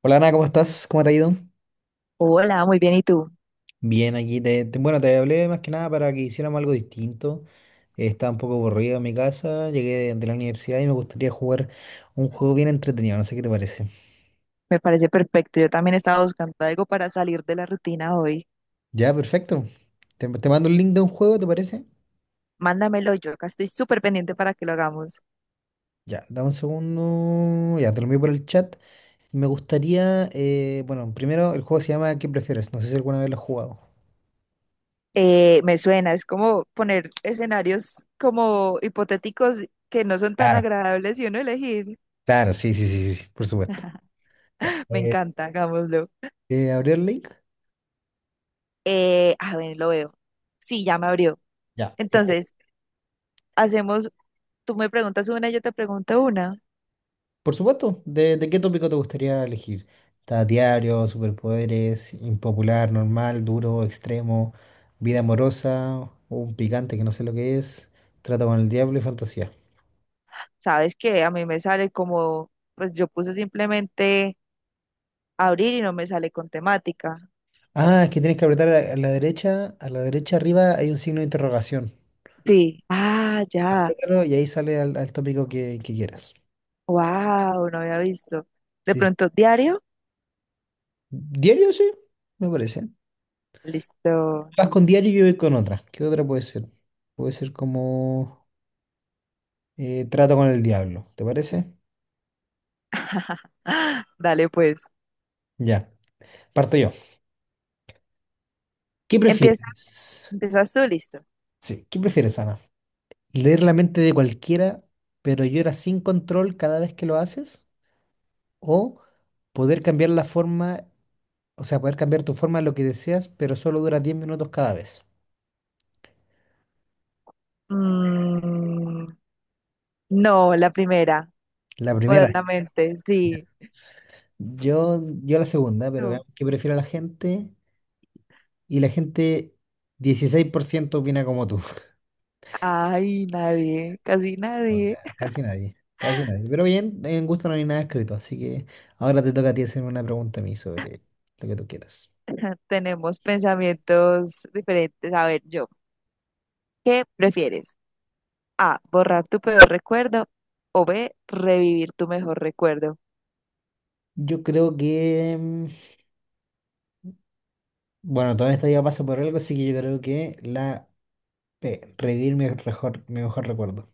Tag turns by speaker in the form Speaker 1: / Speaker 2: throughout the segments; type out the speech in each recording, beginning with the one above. Speaker 1: Hola Ana, ¿cómo estás? ¿Cómo te ha ido?
Speaker 2: Hola, muy bien. ¿Y tú?
Speaker 1: Bien, aquí bueno, te hablé más que nada para que hiciéramos algo distinto. Estaba un poco aburrido en mi casa, llegué de la universidad y me gustaría jugar un juego bien entretenido, no sé qué te parece.
Speaker 2: Me parece perfecto. Yo también estaba buscando algo para salir de la rutina hoy.
Speaker 1: Ya, perfecto. Te mando el link de un juego, ¿te parece?
Speaker 2: Mándamelo, yo acá estoy súper pendiente para que lo hagamos.
Speaker 1: Ya, dame un segundo. Ya, te lo envío por el chat. Me gustaría, bueno, primero el juego se llama ¿Qué prefieres? No sé si alguna vez lo has jugado.
Speaker 2: Me suena, es como poner escenarios como hipotéticos que no son tan
Speaker 1: Claro.
Speaker 2: agradables y uno elegir.
Speaker 1: Claro, sí, sí, sí, sí, sí, por supuesto. Ya.
Speaker 2: Me encanta, hagámoslo.
Speaker 1: ¿Abrí el link?
Speaker 2: A ver, lo veo. Sí, ya me abrió.
Speaker 1: Ya.
Speaker 2: Entonces, hacemos, tú me preguntas una, yo te pregunto una.
Speaker 1: Por supuesto, ¿de qué tópico te gustaría elegir? ¿Está diario, superpoderes, impopular, normal, duro, extremo, vida amorosa, un picante que no sé lo que es, trata con el diablo y fantasía?
Speaker 2: Sabes que a mí me sale como, pues yo puse simplemente abrir y no me sale con temática.
Speaker 1: Ah, es que tienes que apretar a la derecha, a la derecha arriba hay un signo de interrogación.
Speaker 2: Sí. Ah, ya.
Speaker 1: Apriétalo y ahí sale al tópico que quieras.
Speaker 2: Wow, no había visto. De
Speaker 1: Sí, sí.
Speaker 2: pronto, diario.
Speaker 1: ¿Diario? Sí, me parece.
Speaker 2: Listo.
Speaker 1: Vas con diario y yo voy con otra. ¿Qué otra puede ser? Puede ser como trato con el diablo, ¿te parece?
Speaker 2: Ah, dale, pues.
Speaker 1: Ya, parto yo. ¿Qué
Speaker 2: Empiezas,
Speaker 1: prefieres?
Speaker 2: empiezas tú, listo.
Speaker 1: Sí, ¿qué prefieres, Ana? ¿Leer la mente de cualquiera, pero lloras sin control cada vez que lo haces? ¿O poder cambiar la forma, o sea, poder cambiar tu forma a lo que deseas, pero solo dura 10 minutos cada vez?
Speaker 2: Mm, no, la primera.
Speaker 1: La
Speaker 2: Poder
Speaker 1: primera.
Speaker 2: la mente, sí.
Speaker 1: Yo la segunda, pero
Speaker 2: Tú.
Speaker 1: veamos qué prefiere la gente. Y la gente, 16% opina como tú.
Speaker 2: Ay, nadie, casi
Speaker 1: O
Speaker 2: nadie.
Speaker 1: sea, casi nadie, casi nadie. Pero bien, en gusto no hay nada escrito, así que ahora te toca a ti hacerme una pregunta a mí sobre lo que tú quieras.
Speaker 2: Tenemos pensamientos diferentes. A ver, yo, ¿qué prefieres? A, borrar tu peor recuerdo o B, revivir tu mejor recuerdo.
Speaker 1: Yo creo que, bueno, toda esta vida pasa por algo, así que yo creo que la P, revivir mi mejor recuerdo.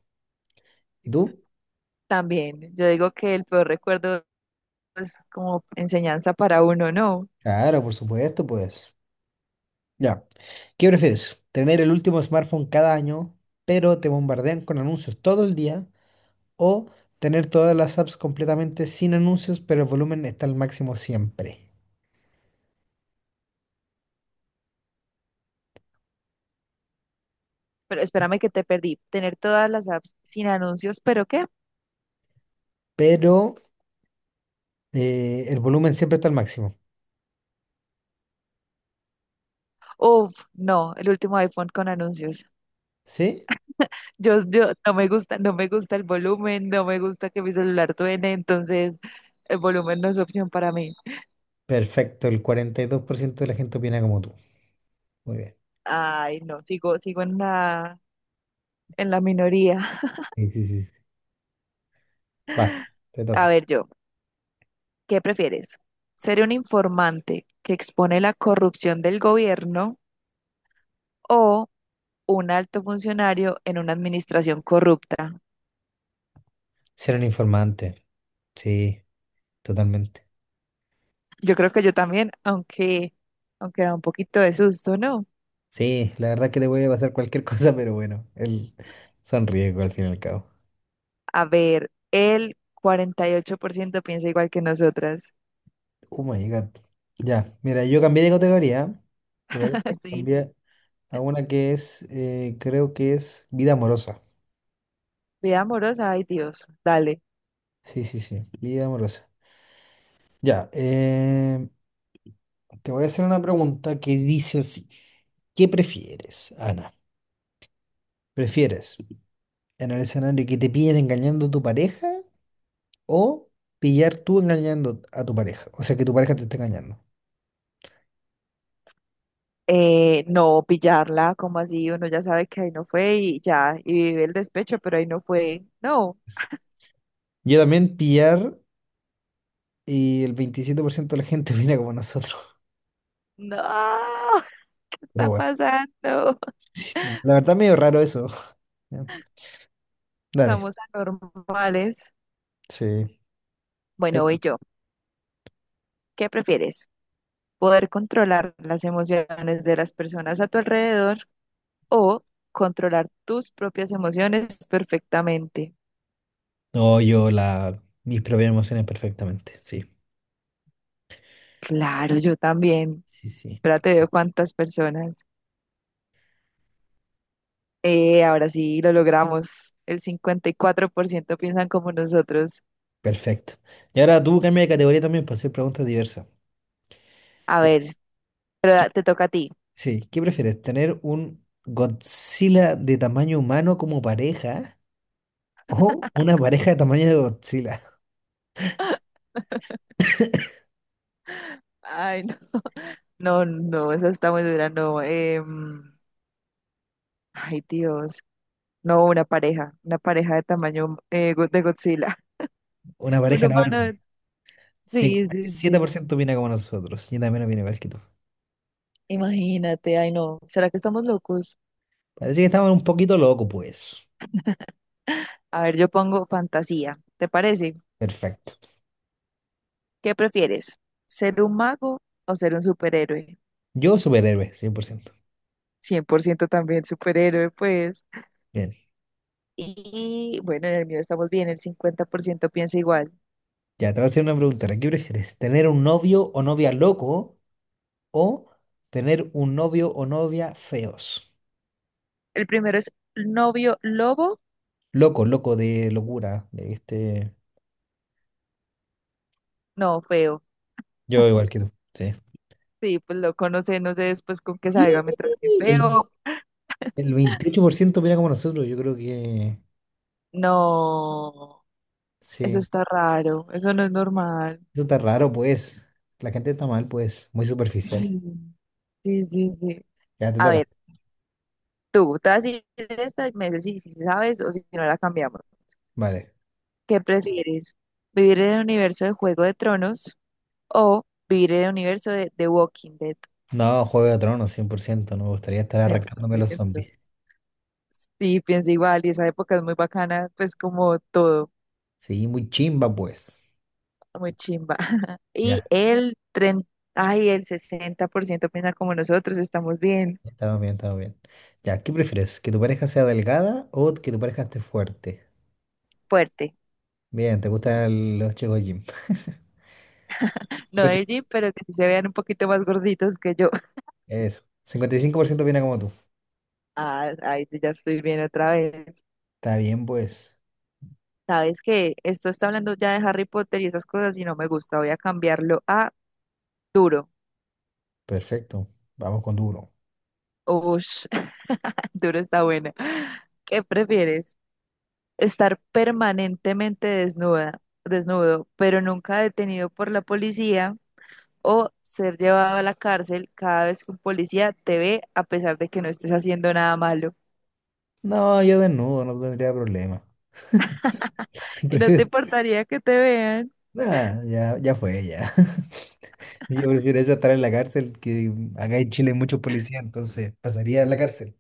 Speaker 1: ¿Y tú?
Speaker 2: También, yo digo que el peor recuerdo es como enseñanza para uno, ¿no?
Speaker 1: Claro, por supuesto, pues. Ya. ¿Qué prefieres? ¿Tener el último smartphone cada año, pero te bombardean con anuncios todo el día? ¿O tener todas las apps completamente sin anuncios, pero el volumen está al máximo siempre?
Speaker 2: Pero espérame que te perdí. Tener todas las apps sin anuncios, ¿pero qué?
Speaker 1: Pero el volumen siempre está al máximo.
Speaker 2: Uf, no, el último iPhone con anuncios.
Speaker 1: ¿Sí?
Speaker 2: Yo no me gusta, no me gusta el volumen, no me gusta que mi celular suene, entonces el volumen no es opción para mí.
Speaker 1: Perfecto, el 42% de la gente opina como tú. Muy bien.
Speaker 2: Ay, no, sigo, sigo en la minoría.
Speaker 1: Sí, sí, sí. Vas, te
Speaker 2: A
Speaker 1: toca.
Speaker 2: ver, yo, ¿qué prefieres? ¿Ser un informante que expone la corrupción del gobierno o un alto funcionario en una administración corrupta?
Speaker 1: Ser un informante. Sí, totalmente.
Speaker 2: Yo creo que yo también, aunque da un poquito de susto, ¿no?
Speaker 1: Sí, la verdad que le voy a pasar cualquier cosa, pero bueno, el son riesgos al fin y al cabo.
Speaker 2: A ver, el 48% piensa igual que nosotras.
Speaker 1: Oh my God. Ya, mira, yo cambié de categoría. ¿Te parece?
Speaker 2: Sí.
Speaker 1: Cambié a una que es, creo que es vida amorosa.
Speaker 2: Vida amorosa, ay Dios, dale.
Speaker 1: Sí, sí, sí, vida amorosa. Ya, te voy a hacer una pregunta que dice así. ¿Qué prefieres, Ana? ¿Prefieres en el escenario que te pillen engañando a tu pareja? O pillar tú engañando a tu pareja. O sea, que tu pareja te esté engañando.
Speaker 2: No pillarla, como así, uno ya sabe que ahí no fue y ya, y vive el despecho, pero ahí no fue. No,
Speaker 1: Eso. Yo también pillar y el 27% de la gente opina como nosotros.
Speaker 2: no, ¿qué
Speaker 1: Pero
Speaker 2: está
Speaker 1: bueno,
Speaker 2: pasando?
Speaker 1: sí, la verdad medio raro eso. Ya, dale,
Speaker 2: Estamos anormales.
Speaker 1: sí. Te-
Speaker 2: Bueno, voy yo. ¿Qué prefieres? ¿Poder controlar las emociones de las personas a tu alrededor o controlar tus propias emociones perfectamente?
Speaker 1: No, mis propias emociones perfectamente. Sí,
Speaker 2: Claro, yo también.
Speaker 1: sí, sí.
Speaker 2: Espérate, veo cuántas personas. Ahora sí lo logramos. El 54% piensan como nosotros.
Speaker 1: Perfecto. Y ahora tú cambia de categoría también para hacer preguntas diversas.
Speaker 2: A
Speaker 1: Ya.
Speaker 2: ver, pero
Speaker 1: ¿Qué-
Speaker 2: te toca a ti.
Speaker 1: sí, ¿qué prefieres? ¿Tener un Godzilla de tamaño humano como pareja o una pareja de tamaño de Godzilla?
Speaker 2: Ay, no, no, no, esa está muy dura, no. Ay, Dios. No, una pareja de tamaño de Godzilla.
Speaker 1: Una
Speaker 2: Un
Speaker 1: pareja, no ver,
Speaker 2: humano de- Sí,
Speaker 1: cincuenta y
Speaker 2: sí,
Speaker 1: siete
Speaker 2: sí.
Speaker 1: por ciento opina como nosotros. Yo también opino igual que tú.
Speaker 2: Imagínate, ay, no. ¿Será que estamos locos?
Speaker 1: Parece que estamos un poquito locos, pues.
Speaker 2: A ver, yo pongo fantasía. ¿Te parece?
Speaker 1: Perfecto.
Speaker 2: ¿Qué prefieres? ¿Ser un mago o ser un superhéroe?
Speaker 1: Yo, superhéroe, 100%.
Speaker 2: 100% también superhéroe, pues.
Speaker 1: Bien.
Speaker 2: Y bueno, en el mío estamos bien, el 50% piensa igual.
Speaker 1: Ya, te voy a hacer una pregunta. ¿Qué prefieres? ¿Tener un novio o novia loco o tener un novio o novia feos?
Speaker 2: El primero es novio lobo.
Speaker 1: Loco, loco de locura. De este...
Speaker 2: No, feo.
Speaker 1: Yo igual que tú. Sí.
Speaker 2: Sí, pues lo conoce, no sé después con qué
Speaker 1: Y
Speaker 2: salga mientras que
Speaker 1: el,
Speaker 2: feo.
Speaker 1: el 28% opina como nosotros. Yo creo que
Speaker 2: No, eso
Speaker 1: sí.
Speaker 2: está raro, eso no es normal.
Speaker 1: Eso está raro, pues. La gente está mal, pues. Muy superficial.
Speaker 2: Sí, sí, sí. Sí.
Speaker 1: Ya te
Speaker 2: A
Speaker 1: toca.
Speaker 2: ver, tú, te vas a decir esta y me dices si sabes o si no la cambiamos.
Speaker 1: Vale.
Speaker 2: ¿Qué prefieres? ¿Vivir en el universo de Juego de Tronos o vivir en el universo de The Walking Dead?
Speaker 1: No, Juego de Tronos, 100%. No me gustaría estar arrancándome los zombies.
Speaker 2: 100%. Sí, pienso igual, y esa época es muy bacana, pues como todo,
Speaker 1: Sí, muy chimba, pues.
Speaker 2: muy chimba. Y
Speaker 1: Ya,
Speaker 2: el 30, ay, el 60% piensa como nosotros, estamos bien
Speaker 1: estamos bien, estamos bien. Ya, ¿qué prefieres? ¿Que tu pareja sea delgada o que tu pareja esté fuerte?
Speaker 2: fuerte.
Speaker 1: Bien, ¿te gustan los chicos gym?
Speaker 2: No
Speaker 1: 50.
Speaker 2: del gym, pero que sí se vean un poquito más gorditos que yo.
Speaker 1: Eso. 55% viene como tú.
Speaker 2: Ah, ay, sí, ya estoy bien otra vez.
Speaker 1: Está bien, pues.
Speaker 2: Sabes que esto está hablando ya de Harry Potter y esas cosas y no me gusta, voy a cambiarlo a duro.
Speaker 1: Perfecto. Vamos con duro.
Speaker 2: Ush, duro está buena. ¿Qué prefieres? ¿Estar permanentemente desnuda, desnudo, pero nunca detenido por la policía? ¿O ser llevado a la cárcel cada vez que un policía te ve a pesar de que no estés haciendo nada malo?
Speaker 1: No, yo desnudo, no tendría problema.
Speaker 2: Y no te
Speaker 1: prefiero
Speaker 2: importaría que te vean.
Speaker 1: Ah, ya, ya fue, ya. Yo prefiero eso a estar en la cárcel, que acá en Chile hay muchos policías, entonces pasaría a la cárcel.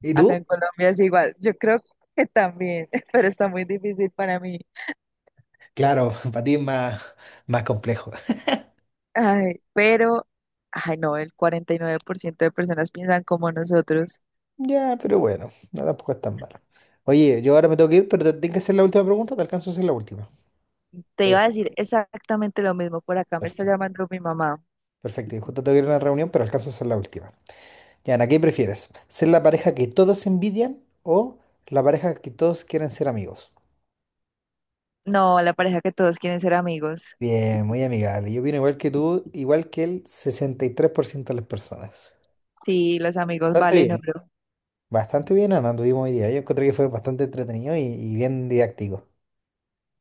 Speaker 1: ¿Y
Speaker 2: Acá
Speaker 1: tú?
Speaker 2: en Colombia es igual. Yo creo que también, pero está muy difícil para mí.
Speaker 1: Claro, para ti es más complejo.
Speaker 2: Ay, pero, ay no, el 49% de personas piensan como nosotros.
Speaker 1: Ya, pero bueno, no tampoco es tan malo. Oye, yo ahora me tengo que ir, pero te tengo que hacer la última pregunta, te alcanzo a hacer la última.
Speaker 2: Te
Speaker 1: Ya,
Speaker 2: iba a
Speaker 1: disculpa,
Speaker 2: decir exactamente lo mismo. Por acá me está
Speaker 1: perfecto,
Speaker 2: llamando mi mamá.
Speaker 1: perfecto, y justo tengo que ir a una reunión, pero alcanzo a hacer la última. Ya, Ana, ¿qué prefieres? ¿Ser la pareja que todos envidian o la pareja que todos quieren ser amigos?
Speaker 2: No, la pareja que todos quieren ser amigos.
Speaker 1: Bien, muy amigable. Yo opino igual que tú, igual que el 63% de las personas.
Speaker 2: Sí, los amigos
Speaker 1: Bastante
Speaker 2: valen
Speaker 1: bien.
Speaker 2: oro.
Speaker 1: Bastante bien, Ana, tuvimos hoy día. Yo encontré que fue bastante entretenido y bien didáctico.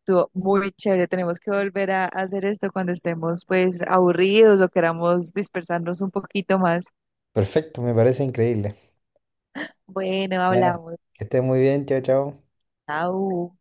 Speaker 2: Estuvo muy chévere. Tenemos que volver a hacer esto cuando estemos pues aburridos o queramos dispersarnos un poquito más.
Speaker 1: Perfecto, me parece increíble.
Speaker 2: Bueno,
Speaker 1: Ya, Ana,
Speaker 2: hablamos.
Speaker 1: que estés muy bien. Chao, chao.
Speaker 2: Chao.